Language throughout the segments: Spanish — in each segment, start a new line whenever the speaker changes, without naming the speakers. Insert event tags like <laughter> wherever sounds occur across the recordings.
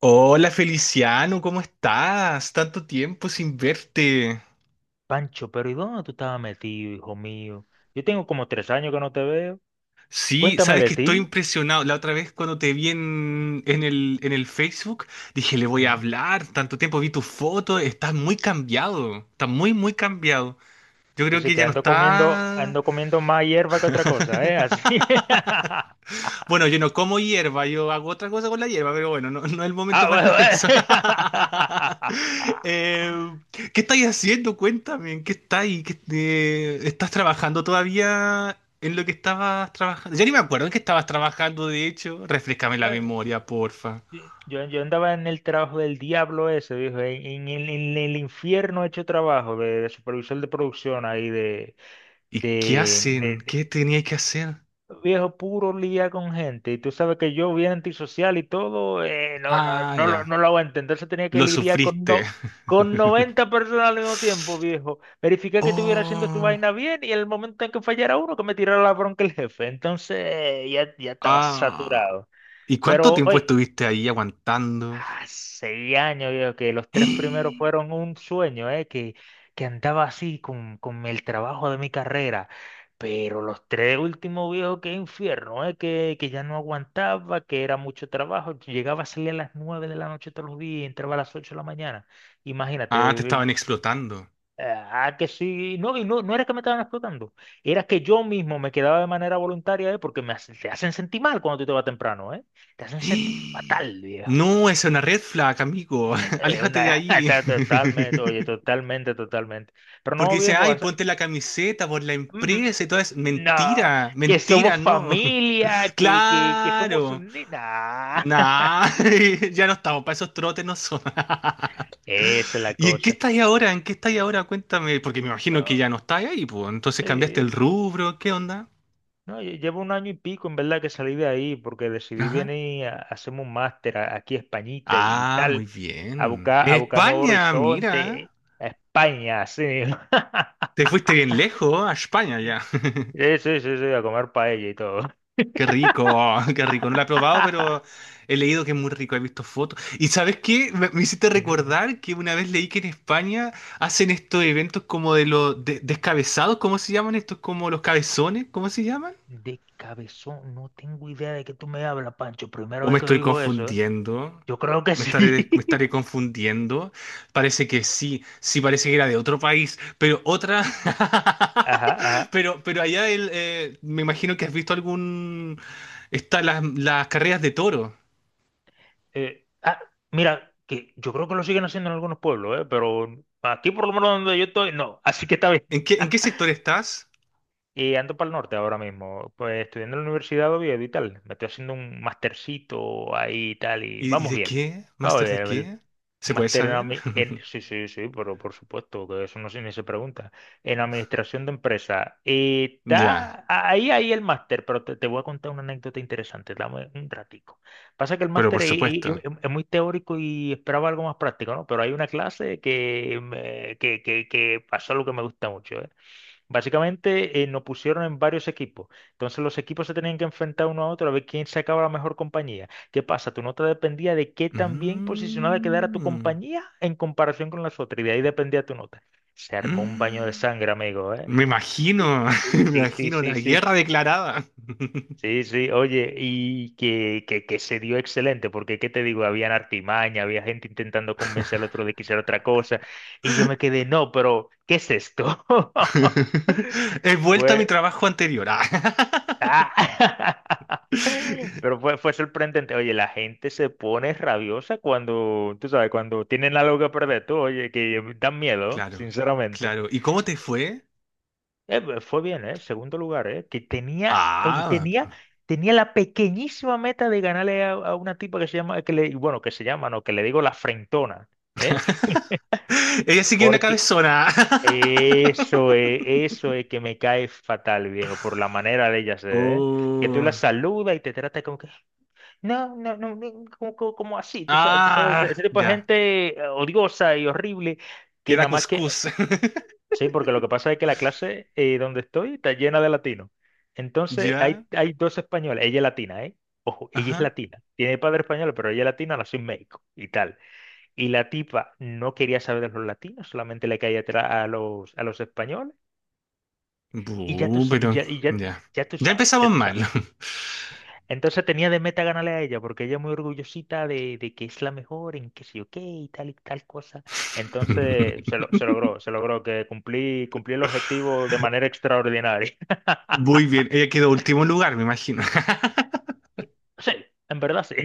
Hola Feliciano, ¿cómo estás? Tanto tiempo sin verte.
Pancho, pero ¿y dónde tú estabas metido, hijo mío? Yo tengo como 3 años que no te veo.
Sí,
Cuéntame
sabes
de
que estoy
ti.
impresionado. La otra vez cuando te vi en el Facebook, dije, le voy a
Ujú.
hablar. Tanto tiempo vi tu foto, estás muy cambiado. Estás muy, muy cambiado. Yo creo
Yo
que
que
ya no está.
ando comiendo más hierba que otra cosa, ¿eh? Así. <laughs>
Bueno, yo no como hierba, yo hago otra cosa con la hierba, pero bueno, no, no es el
Ah,
momento para <laughs>
bueno,
hablar de eso. <laughs>
eh.
Eh, ¿qué estáis haciendo? Cuéntame, ¿en qué estáis? ¿Estás trabajando todavía en lo que estabas trabajando? Ya ni me acuerdo en qué estabas trabajando, de hecho. Refrescame la
<laughs>
memoria, porfa.
Yo andaba en el trabajo del diablo ese, dijo, en el infierno hecho trabajo de supervisor de producción ahí
¿Y qué hacen?
de,
¿Qué teníais que hacer?
Viejo, puro lía con gente. Y tú sabes que yo bien antisocial y todo, no, no,
Ah,
no,
ya.
no lo voy a entender. Se tenía que
Lo
lidiar con,
sufriste.
no, con 90
<laughs>
personas al mismo tiempo, viejo. Verificar que estuviera haciendo su
Oh,
vaina bien y el momento en que fallara uno, que me tirara la bronca el jefe. Entonces, ya estaba
ah.
saturado.
¿Y cuánto
Pero,
tiempo
oye,
estuviste ahí aguantando?
ah, 6 años, viejo, que los tres primeros fueron
<gasps>
un sueño, que andaba así con el trabajo de mi carrera. Pero los tres últimos, viejo, que infierno, que ya no aguantaba, que era mucho trabajo. Llegaba a salir a las 9 de la noche todos los días, y entraba a las 8 de la mañana.
Ah, te
Imagínate,
estaban explotando.
que sí, no, y no era que me estaban explotando, era que yo mismo me quedaba de manera voluntaria, porque te hacen sentir mal cuando tú te vas temprano. Te hacen sentir
<gasps>
fatal, viejo.
No, esa es una red flag, amigo. <laughs> Aléjate de
Una, <laughs>
ahí. <laughs>
está totalmente, oye, totalmente, totalmente. Pero
Porque
no,
dice,
viejo,
ay,
o sea,
ponte la camiseta por la
ujú,
empresa y todo eso.
no,
Mentira,
que somos
mentira, no. <laughs>
familia, que somos
Claro.
un... Nah. <laughs>
Nah, <laughs> ya no estamos para esos trotes, no son. <laughs>
Esa es la
¿Y en qué
cosa.
estáis ahora? ¿En qué estáis ahora? Cuéntame. Porque me imagino que
No,
ya no estáis ahí, pues. Entonces cambiaste el
sí.
rubro, ¿qué onda?
No, llevo un año y pico en verdad que salí de ahí porque decidí
Ajá.
venir a hacerme un máster aquí a Españita y
Ah, muy
tal, a
bien.
buscar, a buscar nuevo
España,
horizonte,
mira.
a España, sí. <laughs>
Te fuiste bien lejos, a España ya. <laughs>
Sí, sí, sí, sí, a comer paella y todo.
Qué rico, qué rico. No lo he probado, pero
<laughs>
he leído que es muy rico, he visto fotos. ¿Y sabes qué? Me hiciste recordar que una vez leí que en España hacen estos eventos como de descabezados, ¿cómo se llaman estos? Como los cabezones, ¿cómo se llaman?
De cabezón, no tengo idea de qué tú me hablas, Pancho. Primera
¿O me
vez que
estoy
digo eso, ¿eh?
confundiendo?
Yo creo que
¿Me
sí.
estaré confundiendo? Parece que sí, sí parece que era de otro país, pero otra...
<laughs>
<laughs>
Ajá, ajá.
Pero allá me imagino que has visto algún... Está las carreras de toro.
Eh, ah, Mira, que yo creo que lo siguen haciendo en algunos pueblos, ¿eh? Pero aquí por lo menos donde yo estoy, no. <laughs> Así que está bien.
¿En qué
<laughs>
sector estás?
Y ando para el norte ahora mismo, pues estudiando en la Universidad de Oviedo y tal. Me estoy haciendo un mastercito ahí y tal, y
Y
vamos
de
bien.
qué?
Vamos
¿Máster de
bien,
qué? ¿Se puede
máster en,
saber? <laughs>
sí, sí, sí, pero por supuesto, que eso no se, ni se pregunta. En administración de empresa.
Ya,
Está ahí el máster, pero te voy a contar una anécdota interesante. Dame un ratico. Pasa que el
pero por
máster es, es-
supuesto.
es- es muy teórico y esperaba algo más práctico, ¿no? Pero hay una clase que pasó lo que me gusta mucho, ¿eh? Básicamente nos pusieron en varios equipos. Entonces los equipos se tenían que enfrentar uno a otro a ver quién sacaba la mejor compañía. ¿Qué pasa? Tu nota dependía de qué tan bien posicionada quedara tu
Mm.
compañía en comparación con las otras. Y de ahí dependía tu nota. Se armó un baño de
Mm.
sangre, amigo, ¿eh?
Me imagino, <laughs> me
Sí, sí, sí,
imagino la
sí, sí.
guerra declarada.
Sí, sí, oye, y que se dio excelente, porque ¿qué te digo? Habían artimaña, había gente intentando convencer al otro de que hiciera otra cosa, y yo me quedé, no, pero ¿qué es esto? <laughs>
<laughs> He vuelto a mi
Fue,
trabajo anterior. Ah.
ah. <laughs> Pero
<laughs>
fue sorprendente. Oye, la gente se pone rabiosa cuando, tú sabes, cuando tienen algo que perder. Tú, oye, que dan miedo,
Claro,
sinceramente.
claro. ¿Y cómo te fue?
Pues, fue bien, ¿eh? Segundo lugar, ¿eh? Que tenía, oye,
Ah,
tenía, tenía la pequeñísima meta de ganarle a una tipa que se llama, que le, bueno, que se llama, no, que le digo la frentona, ¿eh?
<laughs> ella sí que es una
Porque
cabezona. <laughs>
eso es que me cae fatal, viejo, por la manera de ella ser, ¿eh? Que tú la
Oh.
saludas y te trata como que... No, no, no, no, como así, tú sabes,
Ah,
ese tipo de
ya.
gente odiosa y horrible, que
Queda
nada más que,
cuscús. <laughs>
sí, porque lo que pasa es que la clase donde estoy está llena de latinos. Entonces,
Ya.
hay dos españoles, ella es latina, ¿eh? Ojo, ella es
Ajá.
latina, tiene padre español, pero ella es latina, nació en México y tal. Y la tipa no quería saber de los latinos, solamente le caía atrás a los españoles. Y ya tú,
Bu, pero
y ya,
ya.
ya tú
Ya
sabes,
empezamos
ya tú
mal.
sabes.
<laughs>
Entonces tenía de meta ganarle a ella, porque ella es muy orgullosita de que es la mejor en que sé ok y tal cosa. Entonces se logró que cumplí el objetivo de manera extraordinaria.
Muy
<laughs>
bien. Ella quedó último lugar, me imagino. <laughs>
Sí, en verdad sí.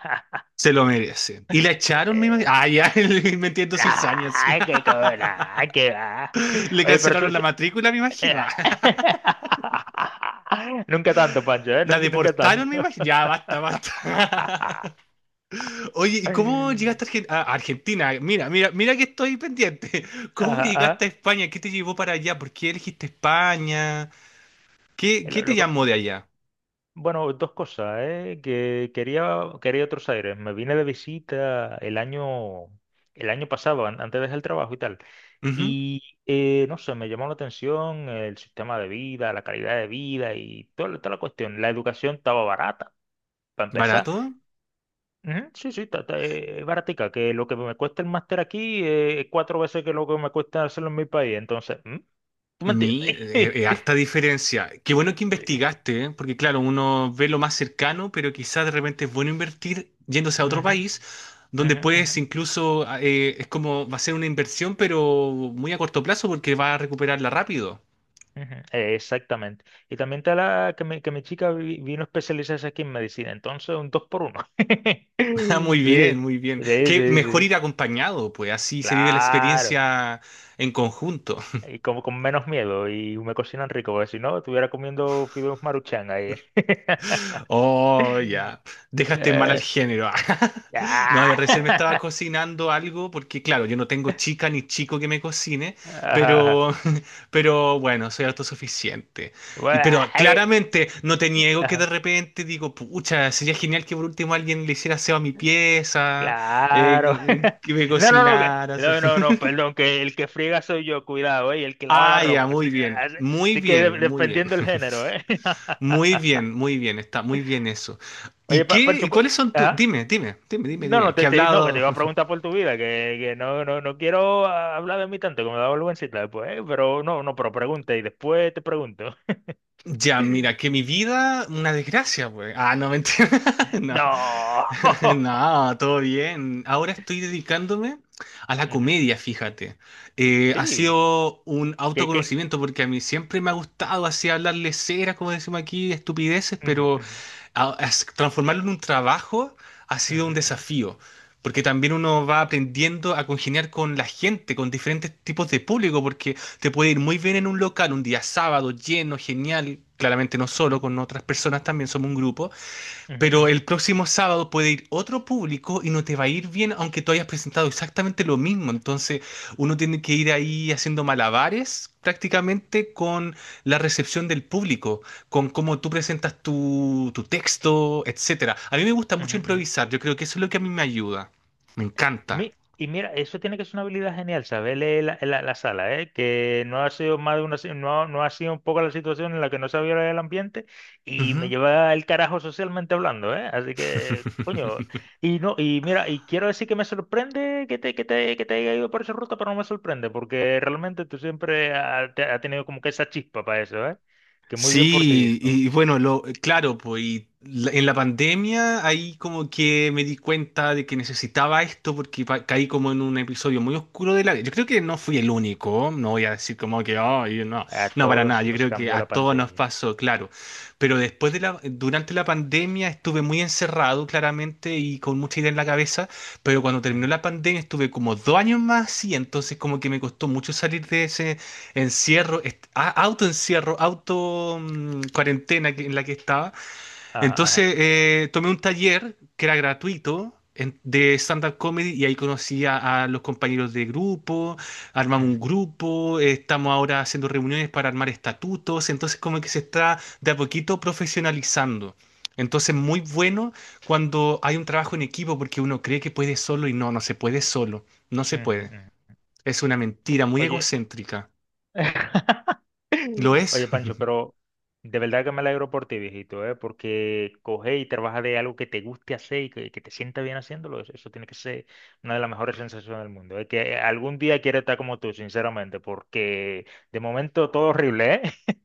<laughs>
Se lo merece. Y la echaron, me imagino.
Eh,
Ah, ya, <laughs> metiendo cizañas. Sí.
Ay, qué
<laughs>
cobra, ay, qué va.
Le
Oye, pero
cancelaron la matrícula, me
eh,
imagino. <laughs>
<laughs> Nunca tanto, Pancho, ¿eh?
La
Nunca, nunca
deportaron, me
tanto.
imagino. Ya, basta,
<laughs>
basta.
Ajá,
<laughs> Oye, ¿y cómo llegaste a Argentina? Mira, mira, mira que estoy pendiente. <laughs> ¿Cómo llegaste a
ajá.
España? ¿Qué te llevó para allá? ¿Por qué elegiste España? ¿Qué, qué
Lo,
te
loco-
llamó de allá?
Bueno, dos cosas, ¿eh? Que quería otros aires. Me vine de visita el año pasado, antes de dejar el trabajo y tal.
Ujú.
Y no sé, me llamó la atención el sistema de vida, la calidad de vida y toda la cuestión. La educación estaba barata, para empezar.
¿Barato?
Ujú, sí, sí, es baratica, que lo que me cuesta el máster aquí es cuatro veces que lo que me cuesta hacerlo en mi país. Entonces, ¿mm? ¿Tú me entiendes? <laughs>
Harta diferencia. Qué bueno que
Sí.
investigaste, ¿eh? Porque claro, uno ve lo más cercano, pero quizás de repente es bueno invertir yéndose a otro
Ujú,
país, donde
ujú, ujú.
puedes incluso, ah, es como, va a ser una inversión, pero muy a corto plazo, porque va a recuperarla rápido.
Ujú, exactamente. Y también está la que mi chica vino a especializarse aquí en medicina. Entonces, un dos por uno. <laughs>
<laughs> Ah, muy
Sí,
bien, muy bien.
sí,
Qué
sí.
mejor
Sí.
ir acompañado, pues así se vive la
Claro.
experiencia en conjunto.
Y como con menos miedo. Y me cocinan rico. Porque si no, estuviera comiendo fideos maruchan ahí. <laughs>
Oh, ya. Dejaste mal al
Eh,
género. <laughs> No, yo
ah,
recién me estaba
<laughs>
cocinando algo porque, claro, yo no tengo chica ni chico que me cocine,
ajá, ajá.
pero, <laughs> pero bueno, soy autosuficiente. Y,
Bueno,
pero
<laughs> eh,
claramente no te niego que de
ajá.
repente digo, pucha, sería genial que por último alguien le hiciera aseo a mi pieza,
Claro. <laughs>
que me
No, no, no,
cocinara. <laughs> así.
no, no, no, perdón, que el que friega soy yo, cuidado, ¿eh? Y el que lava la
Ah, ya,
ropa.
muy bien,
Así-
muy
así que
bien, muy bien.
dependiendo del género,
<laughs>
¿eh? <laughs>
Muy bien, está muy bien eso.
Oye,
¿Y qué? ¿Y
Pancho,
cuáles son tus?
ajá.
Dime, dime, dime, dime,
No,
dime.
no,
¿Qué ha
no, que te
hablado?
iba a preguntar por tu vida, que no, no, no quiero hablar de mí tanto, que me da vergüencita después, ¿eh? Pero no, no, pero pregunta y después te pregunto. <laughs>
Ya, mira, que mi vida, una desgracia, pues. Ah, no, mentira. <laughs> No. <laughs>
No. <laughs>
No, todo bien. Ahora estoy dedicándome a la
Ujú,
comedia, fíjate. Ha
sí.
sido un
Que, que...
autoconocimiento porque a mí siempre me ha gustado así hablarle ceras, como decimos aquí, estupideces,
Ujú,
pero
ujú,
transformarlo en un trabajo ha sido un
ujú,
desafío. Porque también uno va aprendiendo a congeniar con la gente, con diferentes tipos de público, porque te puede ir muy bien en un local, un día sábado, lleno, genial. Claramente no solo, con otras personas también somos un grupo.
ujú, ujú,
Pero el
ujú,
próximo sábado puede ir otro público y no te va a ir bien aunque tú hayas presentado exactamente lo mismo. Entonces uno tiene que ir ahí haciendo malabares prácticamente con la recepción del público, con cómo tú presentas tu texto, etcétera. A mí me gusta
ujú,
mucho
ujú, ujú.
improvisar. Yo creo que eso es lo que a mí me ayuda. Me encanta.
Y mira, eso tiene que ser una habilidad genial, saber leer la sala, ¿eh? Que no ha sido más de una, no, no ha sido un poco la situación en la que no sabía leer el ambiente y me
Ujú.
lleva el carajo socialmente hablando, ¿eh? Así que, coño,
<laughs>
y no, y mira, y quiero decir que me sorprende que te haya ido por esa ruta, pero no me sorprende, porque realmente tú siempre has tenido como que esa chispa para eso, ¿eh? Que muy bien por ti,
Sí,
viejo.
y bueno, lo, claro, pues y en la pandemia ahí como que me di cuenta de que necesitaba esto porque caí como en un episodio muy oscuro de la vida. Yo creo que no fui el único, no voy a decir como que, "Ay, no,
A
no, para nada,
todos
yo
nos
creo que
cambió
a
la
todos nos
pandemia.
pasó, claro. Pero después de la, durante la pandemia estuve muy encerrado, claramente, y con mucha idea en la cabeza, pero cuando terminó
Ujú.
la pandemia estuve como dos años más y entonces como que me costó mucho salir de ese encierro, autoencierro, auto cuarentena en la que estaba.
Ah,
Entonces
ah,
tomé un taller que era gratuito de stand-up comedy y ahí conocí a los compañeros de grupo, armamos un
ujú,
grupo, estamos ahora haciendo reuniones para armar estatutos, entonces como que se está de a poquito profesionalizando. Entonces, muy bueno cuando hay un trabajo en equipo porque uno cree que puede solo y no, no se puede solo, no se
ujú,
puede.
ujú.
Es una mentira muy
Oye.
egocéntrica.
<laughs>
¿Lo es?
Oye, Pancho, pero de verdad que me alegro por ti, viejito, ¿eh? Porque coge y trabaja de algo que te guste hacer y que te sienta bien haciéndolo. Eso tiene que ser una de las mejores sensaciones del mundo. Es que algún día quiero estar como tú, sinceramente, porque de momento todo horrible, ¿eh?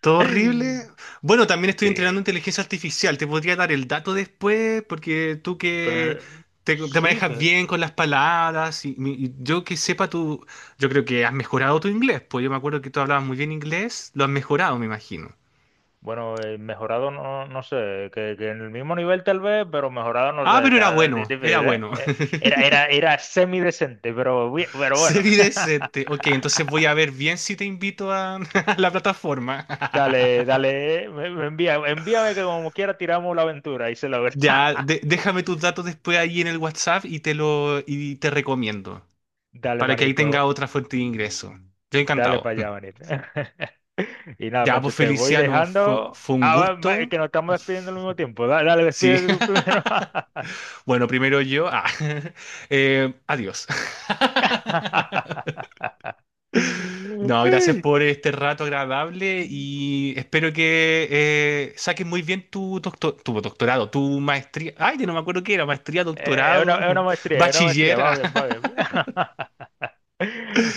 Todo horrible. Bueno, también estoy
Sí,
entrenando inteligencia artificial. Te podría dar el dato después, porque tú
que,
que te
sí,
manejas
que,
bien con las palabras y, y yo que sepa, tú, yo creo que has mejorado tu inglés. Pues yo me acuerdo que tú hablabas muy bien inglés, lo has mejorado, me imagino.
bueno, mejorado no, no sé, que en el mismo nivel tal vez, pero mejorado no
Ah,
sé,
pero era
está
bueno, era
difícil, ¿eh?
bueno.
Era semidecente, pero,
<laughs>
pero bueno.
Serie decente. Ok, entonces voy a ver bien si te invito a, <laughs> a la plataforma. <laughs>
Dale, dale, me envía, envíame que como quiera tiramos la aventura y se logra.
Ya,
<laughs>
déjame tus datos después ahí en el WhatsApp y te lo y te recomiendo.
Dale,
Para que ahí
manito,
tenga otra fuente de ingreso. Yo
dale
encantado.
para allá, manito. <laughs> Y nada,
Ya, pues
Pancho, te voy
Feliciano,
dejando.
fue un
Ah, va, es
gusto.
que nos estamos despidiendo al mismo tiempo. Dale,
Sí.
despídete tú primero.
<laughs>
<laughs>
Bueno, primero yo. Ah. <laughs> Adiós. <laughs> No, gracias
Ay.
por este rato agradable y espero que saques muy bien tu doctorado, tu maestría. Ay, yo no me acuerdo qué era, maestría,
Eh, Es una,
doctorado,
es una
<laughs>
maestría, es una maestría,
bachiller.
va bien. <laughs>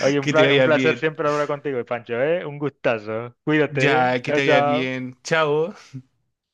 Oye,
Que te
un
vaya
placer
bien.
siempre hablar contigo, Pancho, ¿eh? Un gustazo. Cuídate, ¿eh?
Ya, que te
Chao,
vaya
chao.
bien. Chao.